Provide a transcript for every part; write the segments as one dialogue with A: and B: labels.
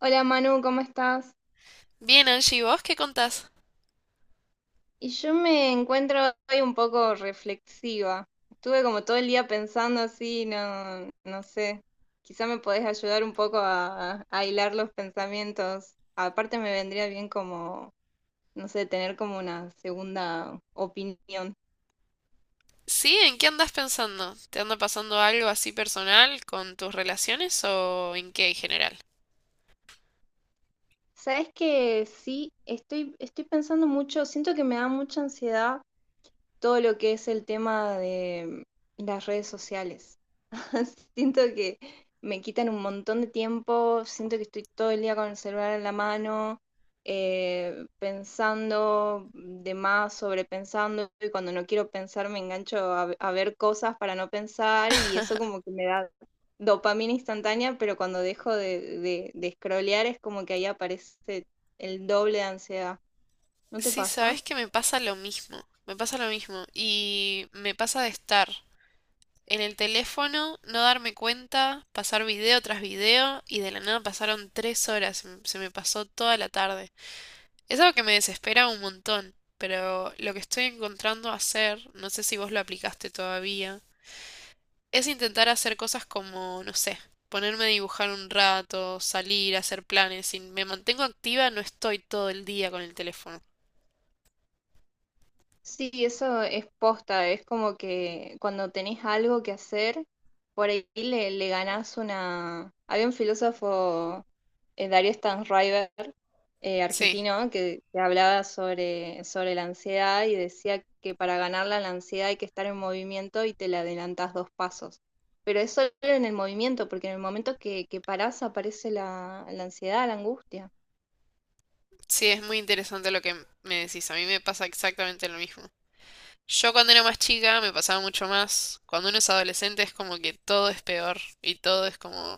A: Hola Manu, ¿cómo estás?
B: Bien, Angie, ¿y vos qué contás?
A: Y yo me encuentro hoy un poco reflexiva. Estuve como todo el día pensando así, no, no sé. Quizá me podés ayudar un poco a hilar los pensamientos. Aparte me vendría bien como, no sé, tener como una segunda opinión.
B: Sí, ¿en qué andás pensando? ¿Te anda pasando algo así personal con tus relaciones o en qué en general?
A: Sabes que sí, estoy pensando mucho, siento que me da mucha ansiedad todo lo que es el tema de las redes sociales. Siento que me quitan un montón de tiempo, siento que estoy todo el día con el celular en la mano, pensando de más, sobrepensando, y cuando no quiero pensar me engancho a ver cosas para no pensar y eso como que me da dopamina instantánea, pero cuando dejo de scrollear es como que ahí aparece el doble de ansiedad. ¿No te
B: Sí,
A: pasa?
B: sabes que me pasa lo mismo, me pasa lo mismo y me pasa de estar en el teléfono, no darme cuenta, pasar video tras video y de la nada pasaron tres horas, se me pasó toda la tarde. Es algo que me desespera un montón, pero lo que estoy encontrando hacer, no sé si vos lo aplicaste todavía es intentar hacer cosas como, no sé, ponerme a dibujar un rato, salir, hacer planes. Si me mantengo activa, no estoy todo el día con el teléfono.
A: Sí, eso es posta, es como que cuando tenés algo que hacer, por ahí le ganás una. Había un filósofo, Darío Stanriver,
B: Sí,
A: argentino, que hablaba sobre la ansiedad y decía que para ganarla la ansiedad hay que estar en movimiento y te la adelantás dos pasos. Pero es solo en el movimiento, porque en el momento que parás aparece la ansiedad, la angustia.
B: sí, es muy interesante lo que me decís. A mí me pasa exactamente lo mismo. Yo cuando era más chica me pasaba mucho más. Cuando uno es adolescente es como que todo es peor y todo es como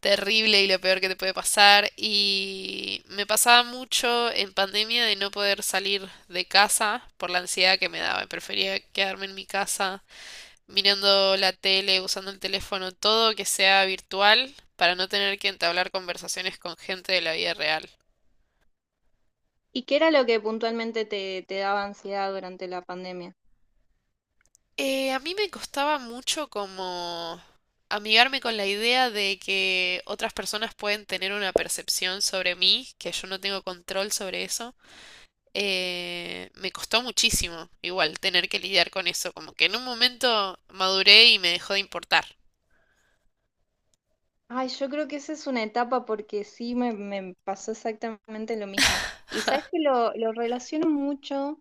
B: terrible y lo peor que te puede pasar. Y me pasaba mucho en pandemia de no poder salir de casa por la ansiedad que me daba. Prefería quedarme en mi casa mirando la tele, usando el teléfono, todo que sea virtual para no tener que entablar conversaciones con gente de la vida real.
A: ¿Y qué era lo que puntualmente te daba ansiedad durante la pandemia?
B: A mí me costaba mucho como amigarme con la idea de que otras personas pueden tener una percepción sobre mí, que yo no tengo control sobre eso. Me costó muchísimo igual tener que lidiar con eso, como que en un momento maduré y me dejó de importar.
A: Ay, yo creo que esa es una etapa porque sí me pasó exactamente lo mismo. Y sabes que lo relaciono mucho,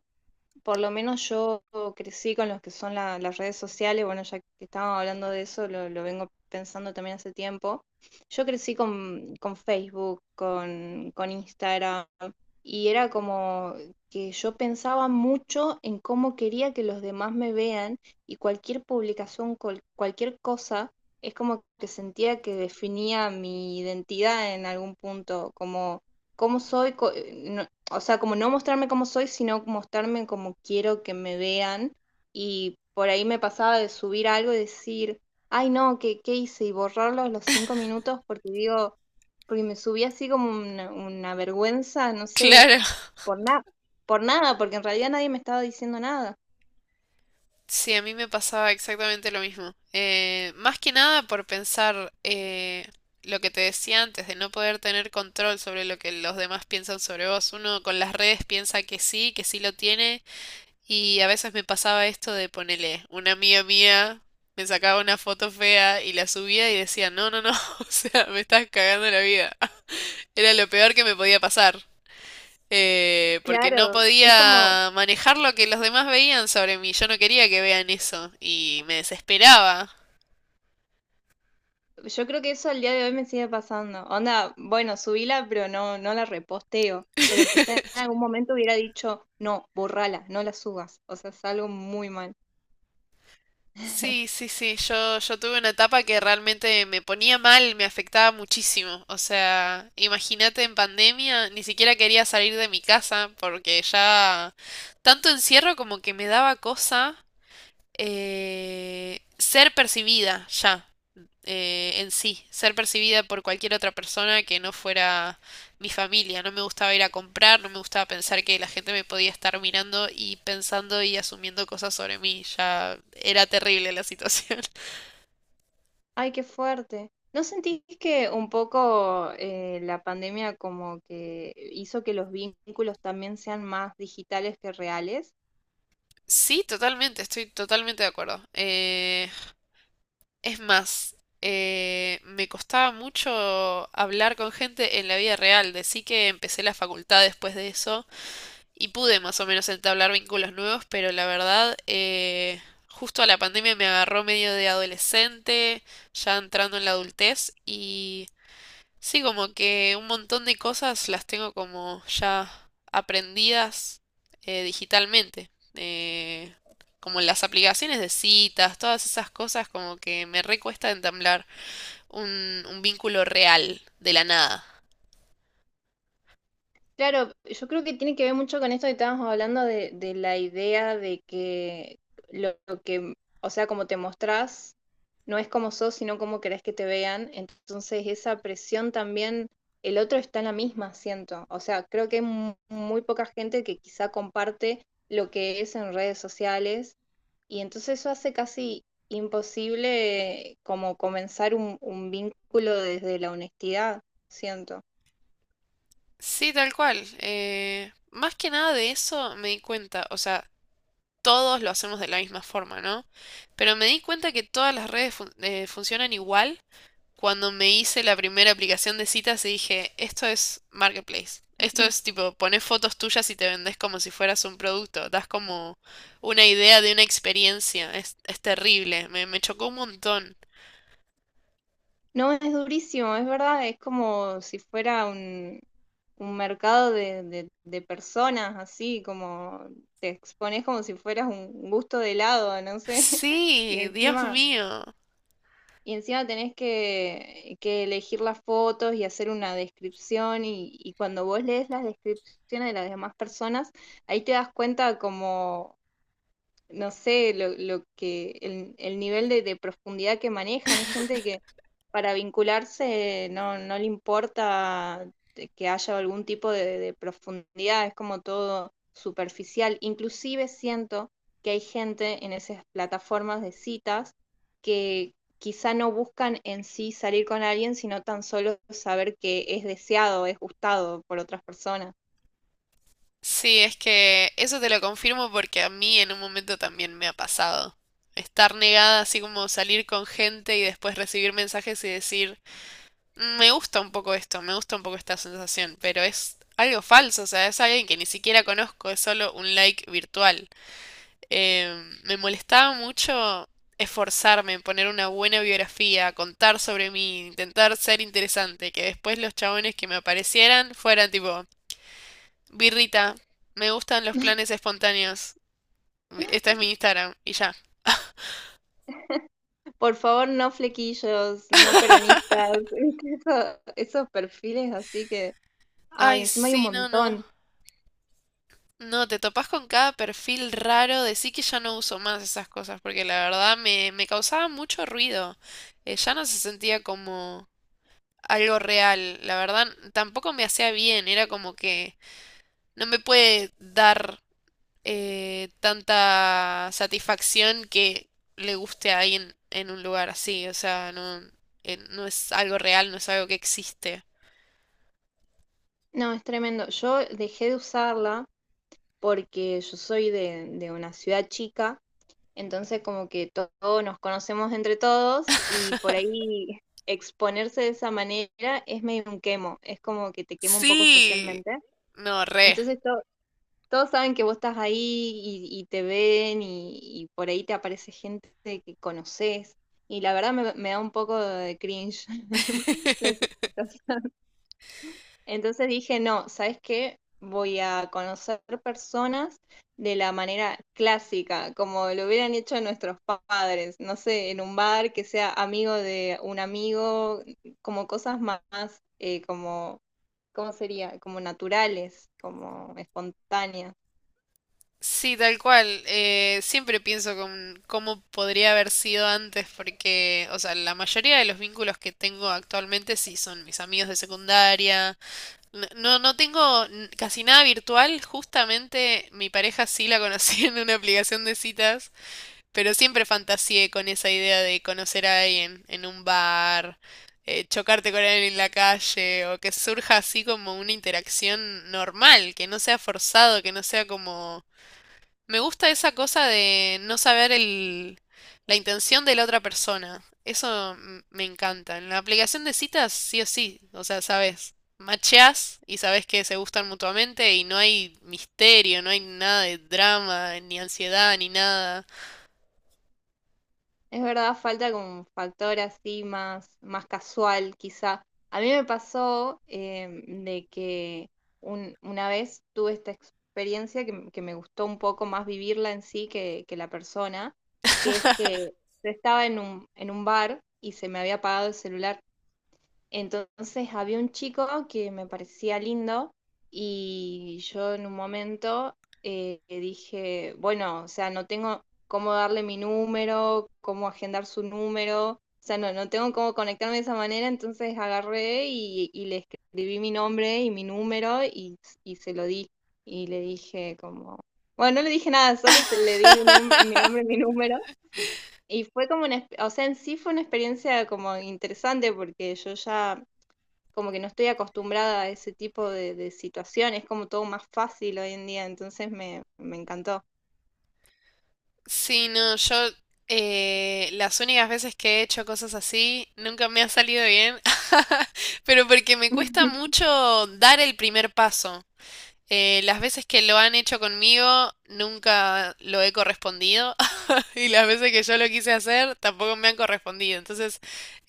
A: por lo menos yo crecí con los que son las redes sociales. Bueno, ya que estábamos hablando de eso, lo vengo pensando también hace tiempo. Yo crecí con Facebook, con Instagram, y era como que yo pensaba mucho en cómo quería que los demás me vean, y cualquier publicación, cualquier cosa, es como que sentía que definía mi identidad en algún punto, como cómo soy. O sea, como no mostrarme como soy, sino mostrarme como quiero que me vean. Y por ahí me pasaba de subir algo y decir, ay no, ¿qué hice? Y borrarlo a los 5 minutos porque digo, porque me subí así como una vergüenza, no sé,
B: Claro.
A: por nada, por nada, porque en realidad nadie me estaba diciendo nada.
B: Sí, a mí me pasaba exactamente lo mismo. Más que nada por pensar lo que te decía antes, de no poder tener control sobre lo que los demás piensan sobre vos. Uno con las redes piensa que sí lo tiene, y a veces me pasaba esto de ponerle una amiga mía me sacaba una foto fea y la subía y decía, no, no, no, o sea, me estás cagando la vida. Era lo peor que me podía pasar porque no
A: Claro, es como,
B: podía manejar lo que los demás veían sobre mí. Yo no quería que vean eso y me desesperaba.
A: yo creo que eso al día de hoy me sigue pasando. Onda, bueno, subíla, pero no, no la reposteo. Pero quizá en algún momento hubiera dicho, no, borrala, no la subas. O sea, es algo muy mal.
B: Sí, sí, sí, yo tuve una etapa que realmente me ponía mal, me afectaba muchísimo. O sea, imagínate en pandemia, ni siquiera quería salir de mi casa porque ya tanto encierro como que me daba cosa ser percibida ya. En sí, ser percibida por cualquier otra persona que no fuera mi familia. No me gustaba ir a comprar, no me gustaba pensar que la gente me podía estar mirando y pensando y asumiendo cosas sobre mí. Ya era terrible la situación.
A: Ay, qué fuerte. ¿No sentís que un poco la pandemia como que hizo que los vínculos también sean más digitales que reales?
B: Sí, totalmente, estoy totalmente de acuerdo. Es más, me costaba mucho hablar con gente en la vida real. Decí que empecé la facultad después de eso y pude más o menos entablar vínculos nuevos, pero la verdad, justo a la pandemia me agarró medio de adolescente, ya entrando en la adultez, y sí, como que un montón de cosas las tengo como ya aprendidas digitalmente. Como las aplicaciones de citas, todas esas cosas, como que me recuesta entablar un vínculo real de la nada.
A: Claro, yo creo que tiene que ver mucho con esto que estábamos hablando de la idea de que lo que, o sea, como te mostrás no es como sos, sino como querés que te vean. Entonces esa presión también, el otro está en la misma, siento. O sea, creo que hay muy poca gente que quizá comparte lo que es en redes sociales, y entonces eso hace casi imposible como comenzar un vínculo desde la honestidad, siento.
B: Sí, tal cual. Más que nada de eso me di cuenta, o sea, todos lo hacemos de la misma forma, ¿no? Pero me di cuenta que todas las redes funcionan igual cuando me hice la primera aplicación de citas y dije, esto es marketplace. Esto es tipo, pones fotos tuyas y te vendes como si fueras un producto. Das como una idea de una experiencia. Es terrible. Me chocó un montón.
A: No, es durísimo, es verdad, es como si fuera un mercado de personas, así como te expones como si fueras un gusto de helado, no sé, y
B: Sí, Dios
A: encima,
B: mío.
A: y encima tenés que elegir las fotos y hacer una descripción, y cuando vos lees las descripciones de las demás personas, ahí te das cuenta como, no sé, el nivel de profundidad que manejan. Hay gente que para vincularse no, no le importa de que haya algún tipo de profundidad, es como todo superficial. Inclusive siento que hay gente en esas plataformas de citas que quizá no buscan en sí salir con alguien, sino tan solo saber que es deseado, es gustado por otras personas.
B: Sí, es que eso te lo confirmo porque a mí en un momento también me ha pasado. Estar negada, así como salir con gente y después recibir mensajes y decir, "Mm, me gusta un poco esto, me gusta un poco esta sensación, pero es algo falso, o sea, es alguien que ni siquiera conozco, es solo un like virtual. Me molestaba mucho esforzarme en poner una buena biografía, contar sobre mí, intentar ser interesante, que después los chabones que me aparecieran fueran tipo, Birrita, me gustan los planes espontáneos. Esta es mi Instagram. Y ya.
A: Por favor, no flequillos, no peronistas, ¿viste? Esos perfiles así que, ay,
B: Ay,
A: encima hay un
B: sí, no, no.
A: montón.
B: No, te topás con cada perfil raro. Decí que ya no uso más esas cosas porque la verdad me causaba mucho ruido. Ya no se sentía como algo real. La verdad, tampoco me hacía bien. Era como que no me puede dar tanta satisfacción que le guste a alguien en un lugar así. O sea, no, no es algo real, no es algo que existe.
A: No, es tremendo. Yo dejé de usarla porque yo soy de una ciudad chica, entonces como que todos nos conocemos entre todos, y por ahí exponerse de esa manera es medio un quemo, es como que te quema un poco
B: Sí,
A: socialmente.
B: no, re.
A: Entonces to- Todos saben que vos estás ahí y te ven, y por ahí te aparece gente que conoces. Y la verdad me da un poco de cringe la situación. Entonces dije, no, ¿sabes qué? Voy a conocer personas de la manera clásica, como lo hubieran hecho nuestros padres, no sé, en un bar, que sea amigo de un amigo, como cosas más, como, ¿cómo sería? Como naturales, como espontáneas.
B: Sí, tal cual. Siempre pienso con cómo podría haber sido antes, porque, o sea, la mayoría de los vínculos que tengo actualmente sí son mis amigos de secundaria. No, no, casi nada virtual. Justamente mi pareja sí la conocí en una aplicación de citas. Pero siempre fantaseé con esa idea de conocer a alguien en un bar, chocarte con alguien en la calle, o que surja así como una interacción normal, que no sea forzado, que no sea como... Me gusta esa cosa de no saber la intención de la otra persona. Me encanta. En la aplicación de citas, sí o sí, o sea, sabes, macheás y sabes que se gustan mutuamente y no hay misterio, no hay nada de drama, ni ansiedad, ni nada.
A: Es verdad, falta como un factor así más, más casual, quizá. A mí me pasó, de que una vez tuve esta experiencia, que, que me gustó un poco más vivirla en sí que la persona, que es que yo estaba en un bar y se me había apagado el celular. Entonces había un chico que me parecía lindo, y yo en un momento dije, bueno, o sea, no tengo cómo darle mi número, cómo agendar su número, o sea, no, no tengo cómo conectarme de esa manera. Entonces agarré y le escribí mi nombre y mi número, y se lo di. Y le dije como, bueno, no le dije nada, solo se le di mi nombre y mi número. Y fue como o sea, en sí fue una experiencia como interesante, porque yo ya como que no estoy acostumbrada a ese tipo de situaciones, es como todo más fácil hoy en día, entonces me encantó.
B: Sí, no, yo, las únicas veces que he hecho cosas así nunca me ha salido bien, pero porque me cuesta mucho dar el primer paso. Las veces que lo han hecho conmigo nunca lo he correspondido, y las veces que yo lo quise hacer tampoco me han correspondido. Entonces,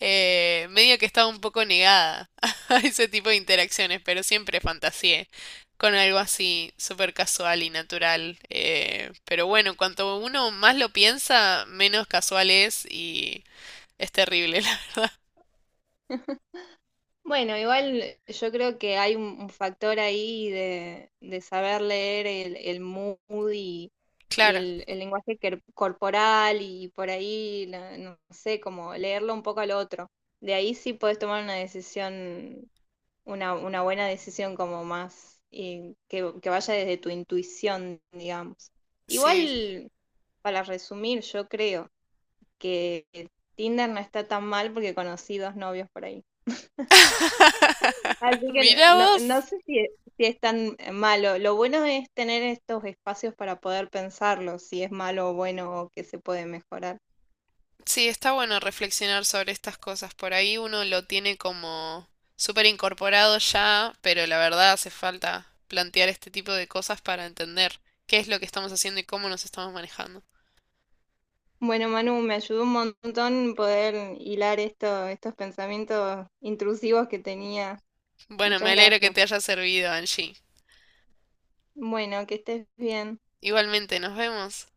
B: medio que estaba un poco negada a ese tipo de interacciones, pero siempre fantaseé con algo así súper casual y natural. Pero bueno, cuanto uno más lo piensa, menos casual es y es terrible.
A: Bueno, igual yo creo que hay un factor ahí de saber leer el mood y, y
B: Claro,
A: el, el lenguaje corporal, y por ahí, no sé, como leerlo un poco al otro. De ahí sí puedes tomar una decisión, una buena decisión, como más que vaya desde tu intuición, digamos.
B: sí.
A: Igual, para resumir, yo creo que Tinder no está tan mal porque conocí dos novios por ahí. Así que
B: Mira
A: no, no
B: vos.
A: sé si es tan malo. Lo bueno es tener estos espacios para poder pensarlo, si es malo o bueno o que se puede mejorar.
B: Sí, está bueno reflexionar sobre estas cosas. Por ahí uno lo tiene como súper incorporado ya, pero la verdad hace falta plantear este tipo de cosas para entender qué es lo que estamos haciendo y cómo nos estamos manejando.
A: Bueno, Manu, me ayudó un montón poder hilar estos pensamientos intrusivos que tenía.
B: Bueno, me
A: Muchas
B: alegro que
A: gracias.
B: te haya servido, Angie.
A: Bueno, que estés bien.
B: Igualmente, nos vemos.